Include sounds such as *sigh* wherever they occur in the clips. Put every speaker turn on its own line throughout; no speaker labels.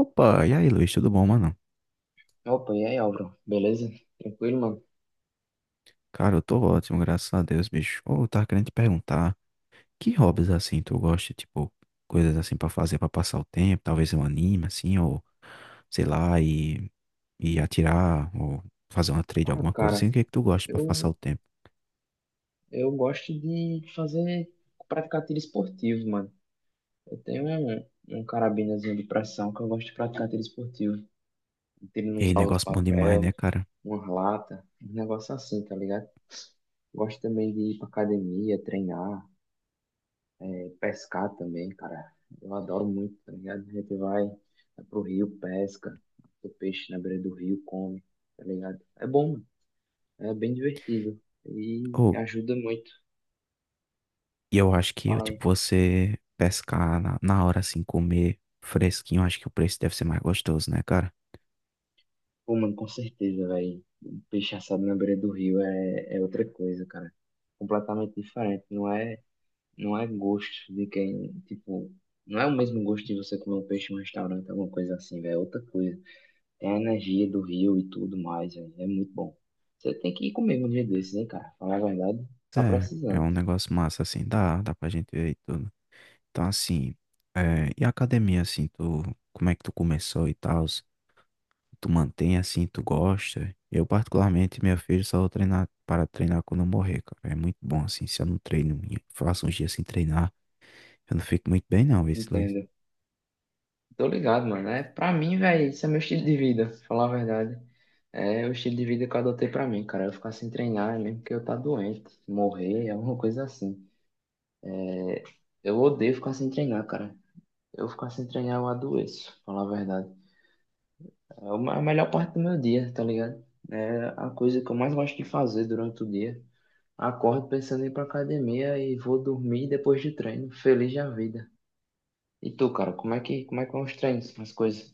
Opa, e aí, Luiz, tudo bom, mano?
Opa, e aí, Álvaro? Beleza? Tranquilo, mano?
Cara, eu tô ótimo, graças a Deus, bicho. Ô, eu tava querendo te perguntar, que hobbies assim tu gosta, tipo, coisas assim pra fazer pra passar o tempo, talvez um anime assim, ou sei lá, e atirar, ou fazer uma trade,
Ah,
alguma coisa assim,
cara,
o que é que tu gosta pra passar
eu,
o tempo?
eu gosto de fazer, praticar tiro esportivo, mano. Eu tenho um, um carabinazinho de pressão que eu gosto de praticar tiro esportivo. Um tiro
E
nos alvos de
negócio bom demais,
papel,
né, cara?
uma lata, um negócio assim, tá ligado? Gosto também de ir pra academia, treinar, pescar também, cara. Eu adoro muito, tá ligado? Vai pro rio, pesca, o peixe na beira do rio, come, tá ligado? É bom, mano. É bem divertido e
Ou,
ajuda muito.
e eu acho que,
Fala aí.
tipo, você pescar na hora assim, comer fresquinho, acho que o preço deve ser mais gostoso, né, cara?
Pô, mano, com certeza, velho. Um peixe assado na beira do rio é outra coisa, cara. Completamente diferente. Não é gosto de quem, tipo, não é o mesmo gosto de você comer um peixe em um restaurante, alguma coisa assim, velho. É outra coisa. Tem a energia do rio e tudo mais, velho. É muito bom. Você tem que ir comigo um dia desses, hein, cara? Falar a verdade, tá
É, é
precisando.
um negócio massa assim, dá pra gente ver e tudo. Então, assim, é, e a academia, assim, tu, como é que tu começou e tal? Tu mantém assim, tu gosta? Eu, particularmente, meu filho, só vou treinar para treinar quando eu morrer, cara. É muito bom, assim, se eu não treino, eu faço uns dias sem treinar, eu não fico muito bem, não, esse Luiz.
Entendo. Tô ligado, mano. É, pra mim, velho, isso é meu estilo de vida, falar a verdade. É o estilo de vida que eu adotei pra mim, cara. Eu ficar sem treinar, é mesmo que eu tá doente, morrer, é alguma coisa assim. É, eu odeio ficar sem treinar, cara. Eu ficar sem treinar, eu adoeço, pra falar a verdade. A melhor parte do meu dia, tá ligado? É a coisa que eu mais gosto de fazer durante o dia. Acordo pensando em ir pra academia e vou dormir depois de treino, feliz da vida. E tu, cara, como é que vão os treinos, as coisas?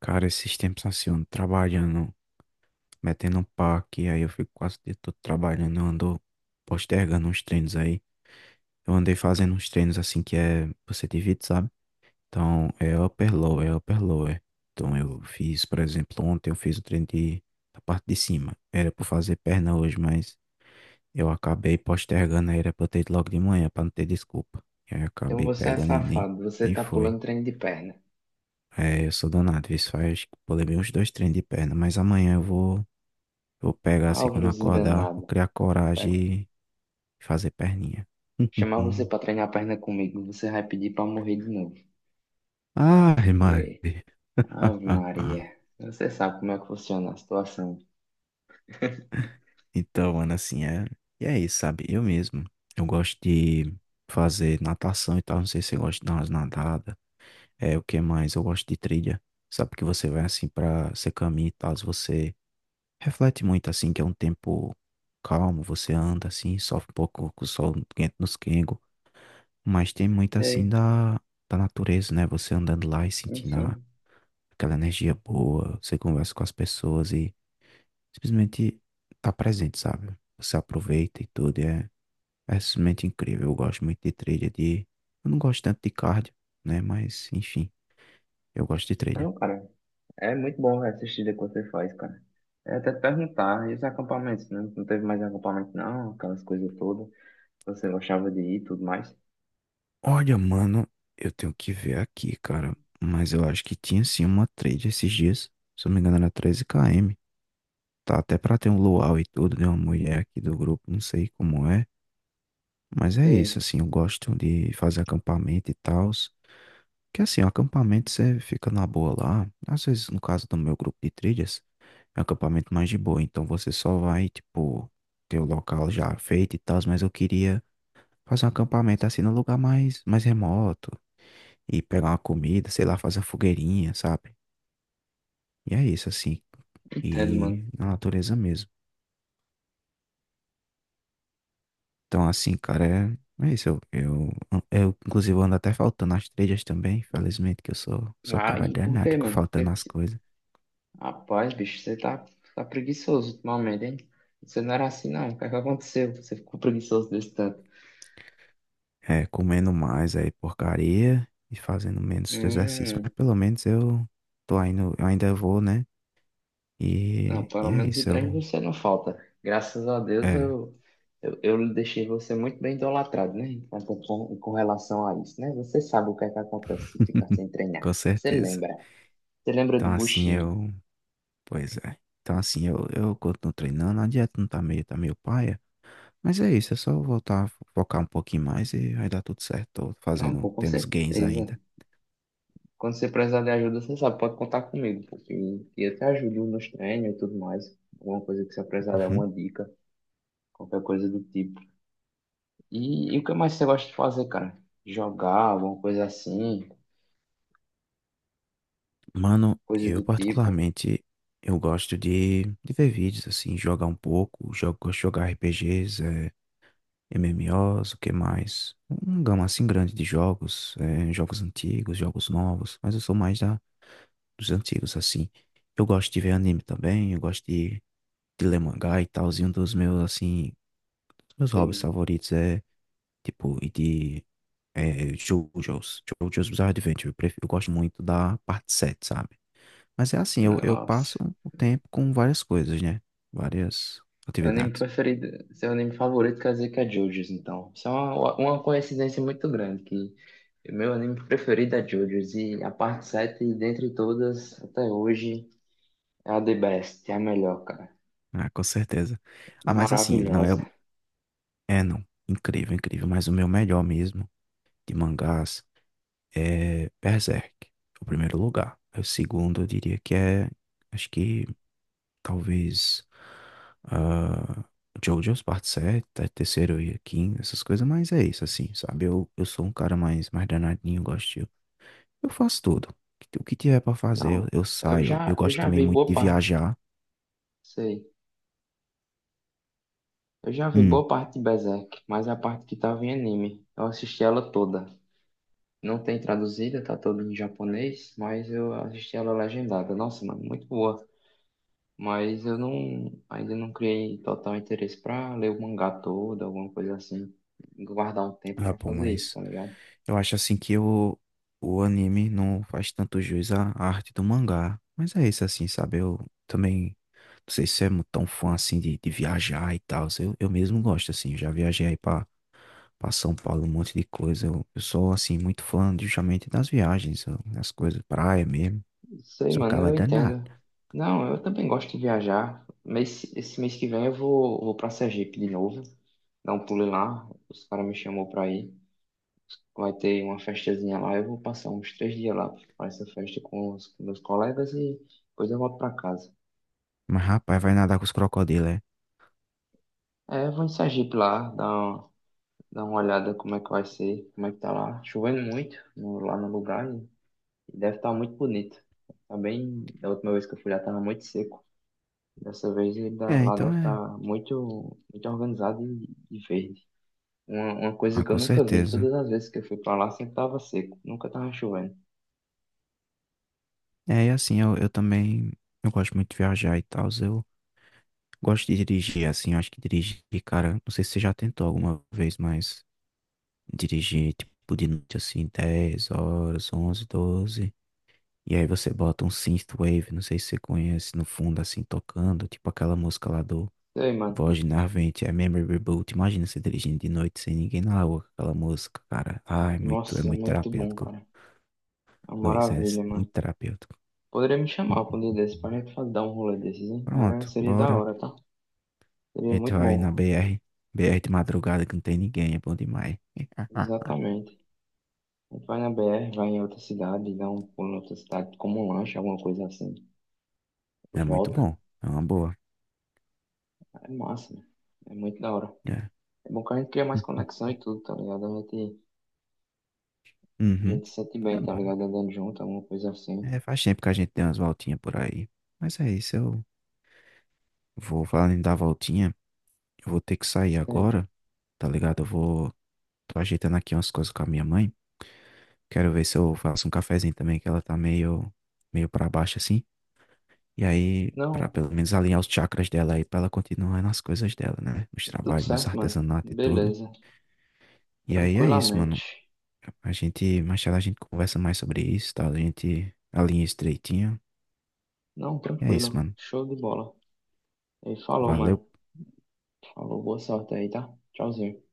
Cara, esses tempos assim, eu ando trabalhando, metendo um paque, aí eu fico quase o dia todo trabalhando, eu ando postergando uns treinos aí. Eu andei fazendo uns treinos assim que é, você divide, sabe? Então, é upper lower, é upper lower. Então, eu fiz, por exemplo, ontem eu fiz o treino de, da parte de cima. Era para fazer perna hoje, mas eu acabei postergando, aí era para eu ter ido logo de manhã, para não ter desculpa. E aí eu
Então
acabei
você é
pegando e nem,
safado, você
nem
tá
foi.
pulando treino de perna.
É, eu sou danado, isso faz, eu levei uns dois treinos de perna, mas amanhã eu vou pegar assim quando eu
Álvarozinho
acordar, vou
danado.
criar coragem e fazer perninha.
Chamar
*laughs*
você pra treinar a perna comigo, você vai pedir pra morrer de novo,
Ah,
sem
Mari.
querer. Ave
*laughs*
Maria, você sabe como é que funciona a situação.
Então, mano, assim, é. E é isso, sabe? Eu mesmo. Eu gosto de fazer natação e tal. Não sei se você gosta de dar umas nadadas. É, o que mais? Eu gosto de trilha. Sabe que você vai assim pra. Você caminha e tal. Você reflete muito, assim, que é um tempo calmo. Você anda assim, sofre um pouco com o sol quente nos quengos. Mas tem muito assim
Sei,
da, da natureza, né? Você andando lá e sentindo a-
enfim.
aquela energia boa. Você conversa com as pessoas e simplesmente tá presente, sabe? Você aproveita e tudo. É simplesmente incrível. Eu gosto muito de trilha de. Eu não gosto tanto de cardio, né? Mas, enfim, eu gosto de trilha.
Não, cara, é muito bom velho, essa assistir que você faz, cara. É até te perguntar, e os acampamentos, né? Não teve mais acampamento, não, aquelas coisas todas. Você gostava de ir e tudo mais.
Olha, mano, eu tenho que ver aqui, cara. Mas eu acho que tinha sim uma trilha esses dias. Se eu não me engano, era 13 km. Tá até pra ter um luau e tudo de uma mulher aqui do grupo, não sei como é. Mas é
Sei,
isso, assim, eu gosto de fazer acampamento e tal. Que assim, o acampamento você fica na boa lá. Às vezes, no caso do meu grupo de trilhas, é um acampamento mais de boa. Então você só vai, tipo, ter o local já feito e tal, mas eu queria fazer um acampamento assim num lugar mais, mais remoto. E pegar uma comida, sei lá, fazer uma fogueirinha, sabe? E é isso, assim.
entendo,
E
mano.
na natureza mesmo. Então, assim, cara, é, é isso. Eu inclusive, ando até faltando as trilhas também, infelizmente, que eu sou, sou
Ah,
cabra
e por
danado,
quê,
fico
mano?
faltando as
Você-
coisas.
Rapaz, bicho, tá preguiçoso ultimamente, hein? Você não era assim, não. O que é que aconteceu? Você ficou preguiçoso desse tanto.
É, comendo mais aí porcaria e fazendo menos exercício.
Hum.
Mas pelo menos eu tô indo, eu ainda vou, né?
Não,
E
pelo
é
menos o
isso,
trem
eu.
você não falta. Graças a Deus
É,
eu deixei você muito bem idolatrado, né? Então, com relação a isso, né? Você sabe o que é que acontece se ficar sem
*laughs*
treinar.
com
Você
certeza.
lembra? Você lembra do
Então assim
buchinho?
eu. Pois é. Então assim eu continuo treinando, a dieta não tá meio, tá meio paia. Mas é isso, é só voltar a focar um pouquinho mais e vai dar tudo certo. Tô
Não,
fazendo,
pô, com
tendo os gains
certeza.
ainda.
Quando você precisar de ajuda, você sabe, pode contar comigo, porque eu te ajudo nos treinos e tudo mais. Alguma coisa que você precisar de
Uhum.
alguma dica, qualquer coisa do tipo. E o que mais você gosta de fazer, cara? Jogar, alguma coisa assim,
Mano,
coisa do
eu
tipo.
particularmente. Eu gosto de ver vídeos, assim, jogar um pouco, jogo, gosto de jogar RPGs, MMOs, o que mais? Uma gama assim grande de jogos, jogos antigos, jogos novos, mas eu sou mais da, dos antigos, assim. Eu gosto de ver anime também, eu gosto de ler mangá e tal, e um dos meus, assim, meus hobbies favoritos é, tipo, e de JoJo's, JoJo's Bizarre Adventure, eu, prefiro, eu gosto muito da parte 7, sabe? Mas é assim, eu passo
Nossa.
o tempo com várias coisas, né? Várias
Meu anime
atividades.
preferido, seu anime favorito quer dizer que é JoJo's, então. Isso é uma coincidência muito grande, que meu anime preferido é JoJo's, e a parte 7 dentre todas, até hoje, é a the best, é a melhor, cara.
Ah, com certeza. Ah, mas assim, não é,
Maravilhosa.
é, não. Incrível, incrível. Mas o meu melhor mesmo de mangás é Berserk, o primeiro lugar. O segundo, eu diria que é, acho que talvez ah, JoJo's Part 7, tá? Terceiro e quinto, essas coisas. Mas é isso, assim, sabe? Eu sou um cara mais, mais danadinho, eu gosto. De- Eu faço tudo. O que tiver pra fazer,
Não,
eu saio. Eu
eu
gosto
já
também
vi
muito
boa
de
parte,
viajar.
sei. Eu já vi
Hum.
boa parte de Berserk, mas a parte que tava em anime, eu assisti ela toda. Não tem traduzida, tá toda em japonês, mas eu assisti ela legendada. Nossa, mano, muito boa. Mas eu não, ainda não criei total interesse pra ler o mangá todo, alguma coisa assim. Guardar um tempo
Ah,
pra
pô,
fazer isso,
mas
tá ligado?
eu acho assim que o anime não faz tanto jus à à arte do mangá. Mas é isso assim, sabe? Eu também não sei se é tão fã assim de viajar e tal. Eu mesmo gosto, assim, eu já viajei aí pra, pra São Paulo, um monte de coisa. Eu sou assim, muito fã justamente das viagens, eu- das coisas, praia mesmo.
Sei,
Sou
mano,
cara
eu
danado.
entendo. Não, eu também gosto de viajar. Mês, esse mês que vem vou pra Sergipe de novo. Dar um pulo lá. Os caras me chamou pra ir. Vai ter uma festazinha lá. Eu vou passar uns 3 dias lá pra essa festa com os com meus colegas e depois eu volto pra casa.
Mas rapaz, vai nadar com os crocodilos, é?
É, eu vou em Sergipe lá, dar Dá uma olhada como é que vai ser, como é que tá lá. Chovendo muito no- lá no lugar e deve estar muito bonito. Tá bem, da última vez que eu fui lá tava muito seco. Dessa vez ele dá-
É,
lá
então
deve
é.
estar muito, muito organizado e verde. Uma
Ah,
coisa que eu
com
nunca vi,
certeza.
todas as vezes que eu fui pra lá sempre tava seco, nunca tava chovendo.
É, e assim, eu também. Eu gosto muito de viajar e tal. Gosto de dirigir, assim, eu acho que dirigir, cara, não sei se você já tentou alguma vez, mas dirigir, tipo, de noite, assim, 10 horas, 11, 12 e aí você bota um synthwave, não sei se você conhece, no fundo, assim, tocando, tipo aquela música lá do
Sei, mano.
Voz Narvente, é Memory Reboot, imagina você dirigindo de noite sem ninguém na rua, com aquela música, cara, ai, é
Nossa,
muito
muito bom,
terapêutico,
cara. É uma
Luiz, é
maravilha, mano.
muito terapêutico.
Poderia me chamar pra um dia desses pra
Uhum.
gente fazer- dar um rolê desses, hein? Era,
Pronto,
seria da
bora,
hora, tá? Seria
a gente
muito
vai na
bom.
BR, BR de madrugada que não tem ninguém, é bom demais.
Exatamente. Vai na BR, vai em outra cidade, dá um pulo em outra cidade, como um lanche, alguma coisa assim.
É muito
Volta.
bom. É uma boa.
É massa, né? É muito da hora.
É.
É bom que a gente cria mais
*laughs*
conexão e tudo, tá ligado? A
Uhum.
gente se sente
É
bem, tá
bom.
ligado? Andando junto, alguma coisa assim.
É, faz tempo que a gente tem umas voltinhas por aí. Mas é isso, eu vou falando em dar voltinha. Eu vou ter que sair
Isso aí.
agora, tá ligado? Eu vou. Tô ajeitando aqui umas coisas com a minha mãe. Quero ver se eu faço um cafezinho também, que ela tá meio, meio pra baixo assim. E aí, pra
Não,
pelo menos alinhar os chakras dela aí, pra ela continuar nas coisas dela, né? Nos
tudo
trabalhos, nos
certo, mano.
artesanatos e tudo.
Beleza.
E aí é isso,
Tranquilamente.
mano. A gente, mais tarde a gente conversa mais sobre isso, tá? A gente alinha estreitinho.
Não,
É isso,
tranquilo.
mano.
Show de bola. E falou,
Valeu.
mano. Falou, boa sorte aí, tá? Tchauzinho.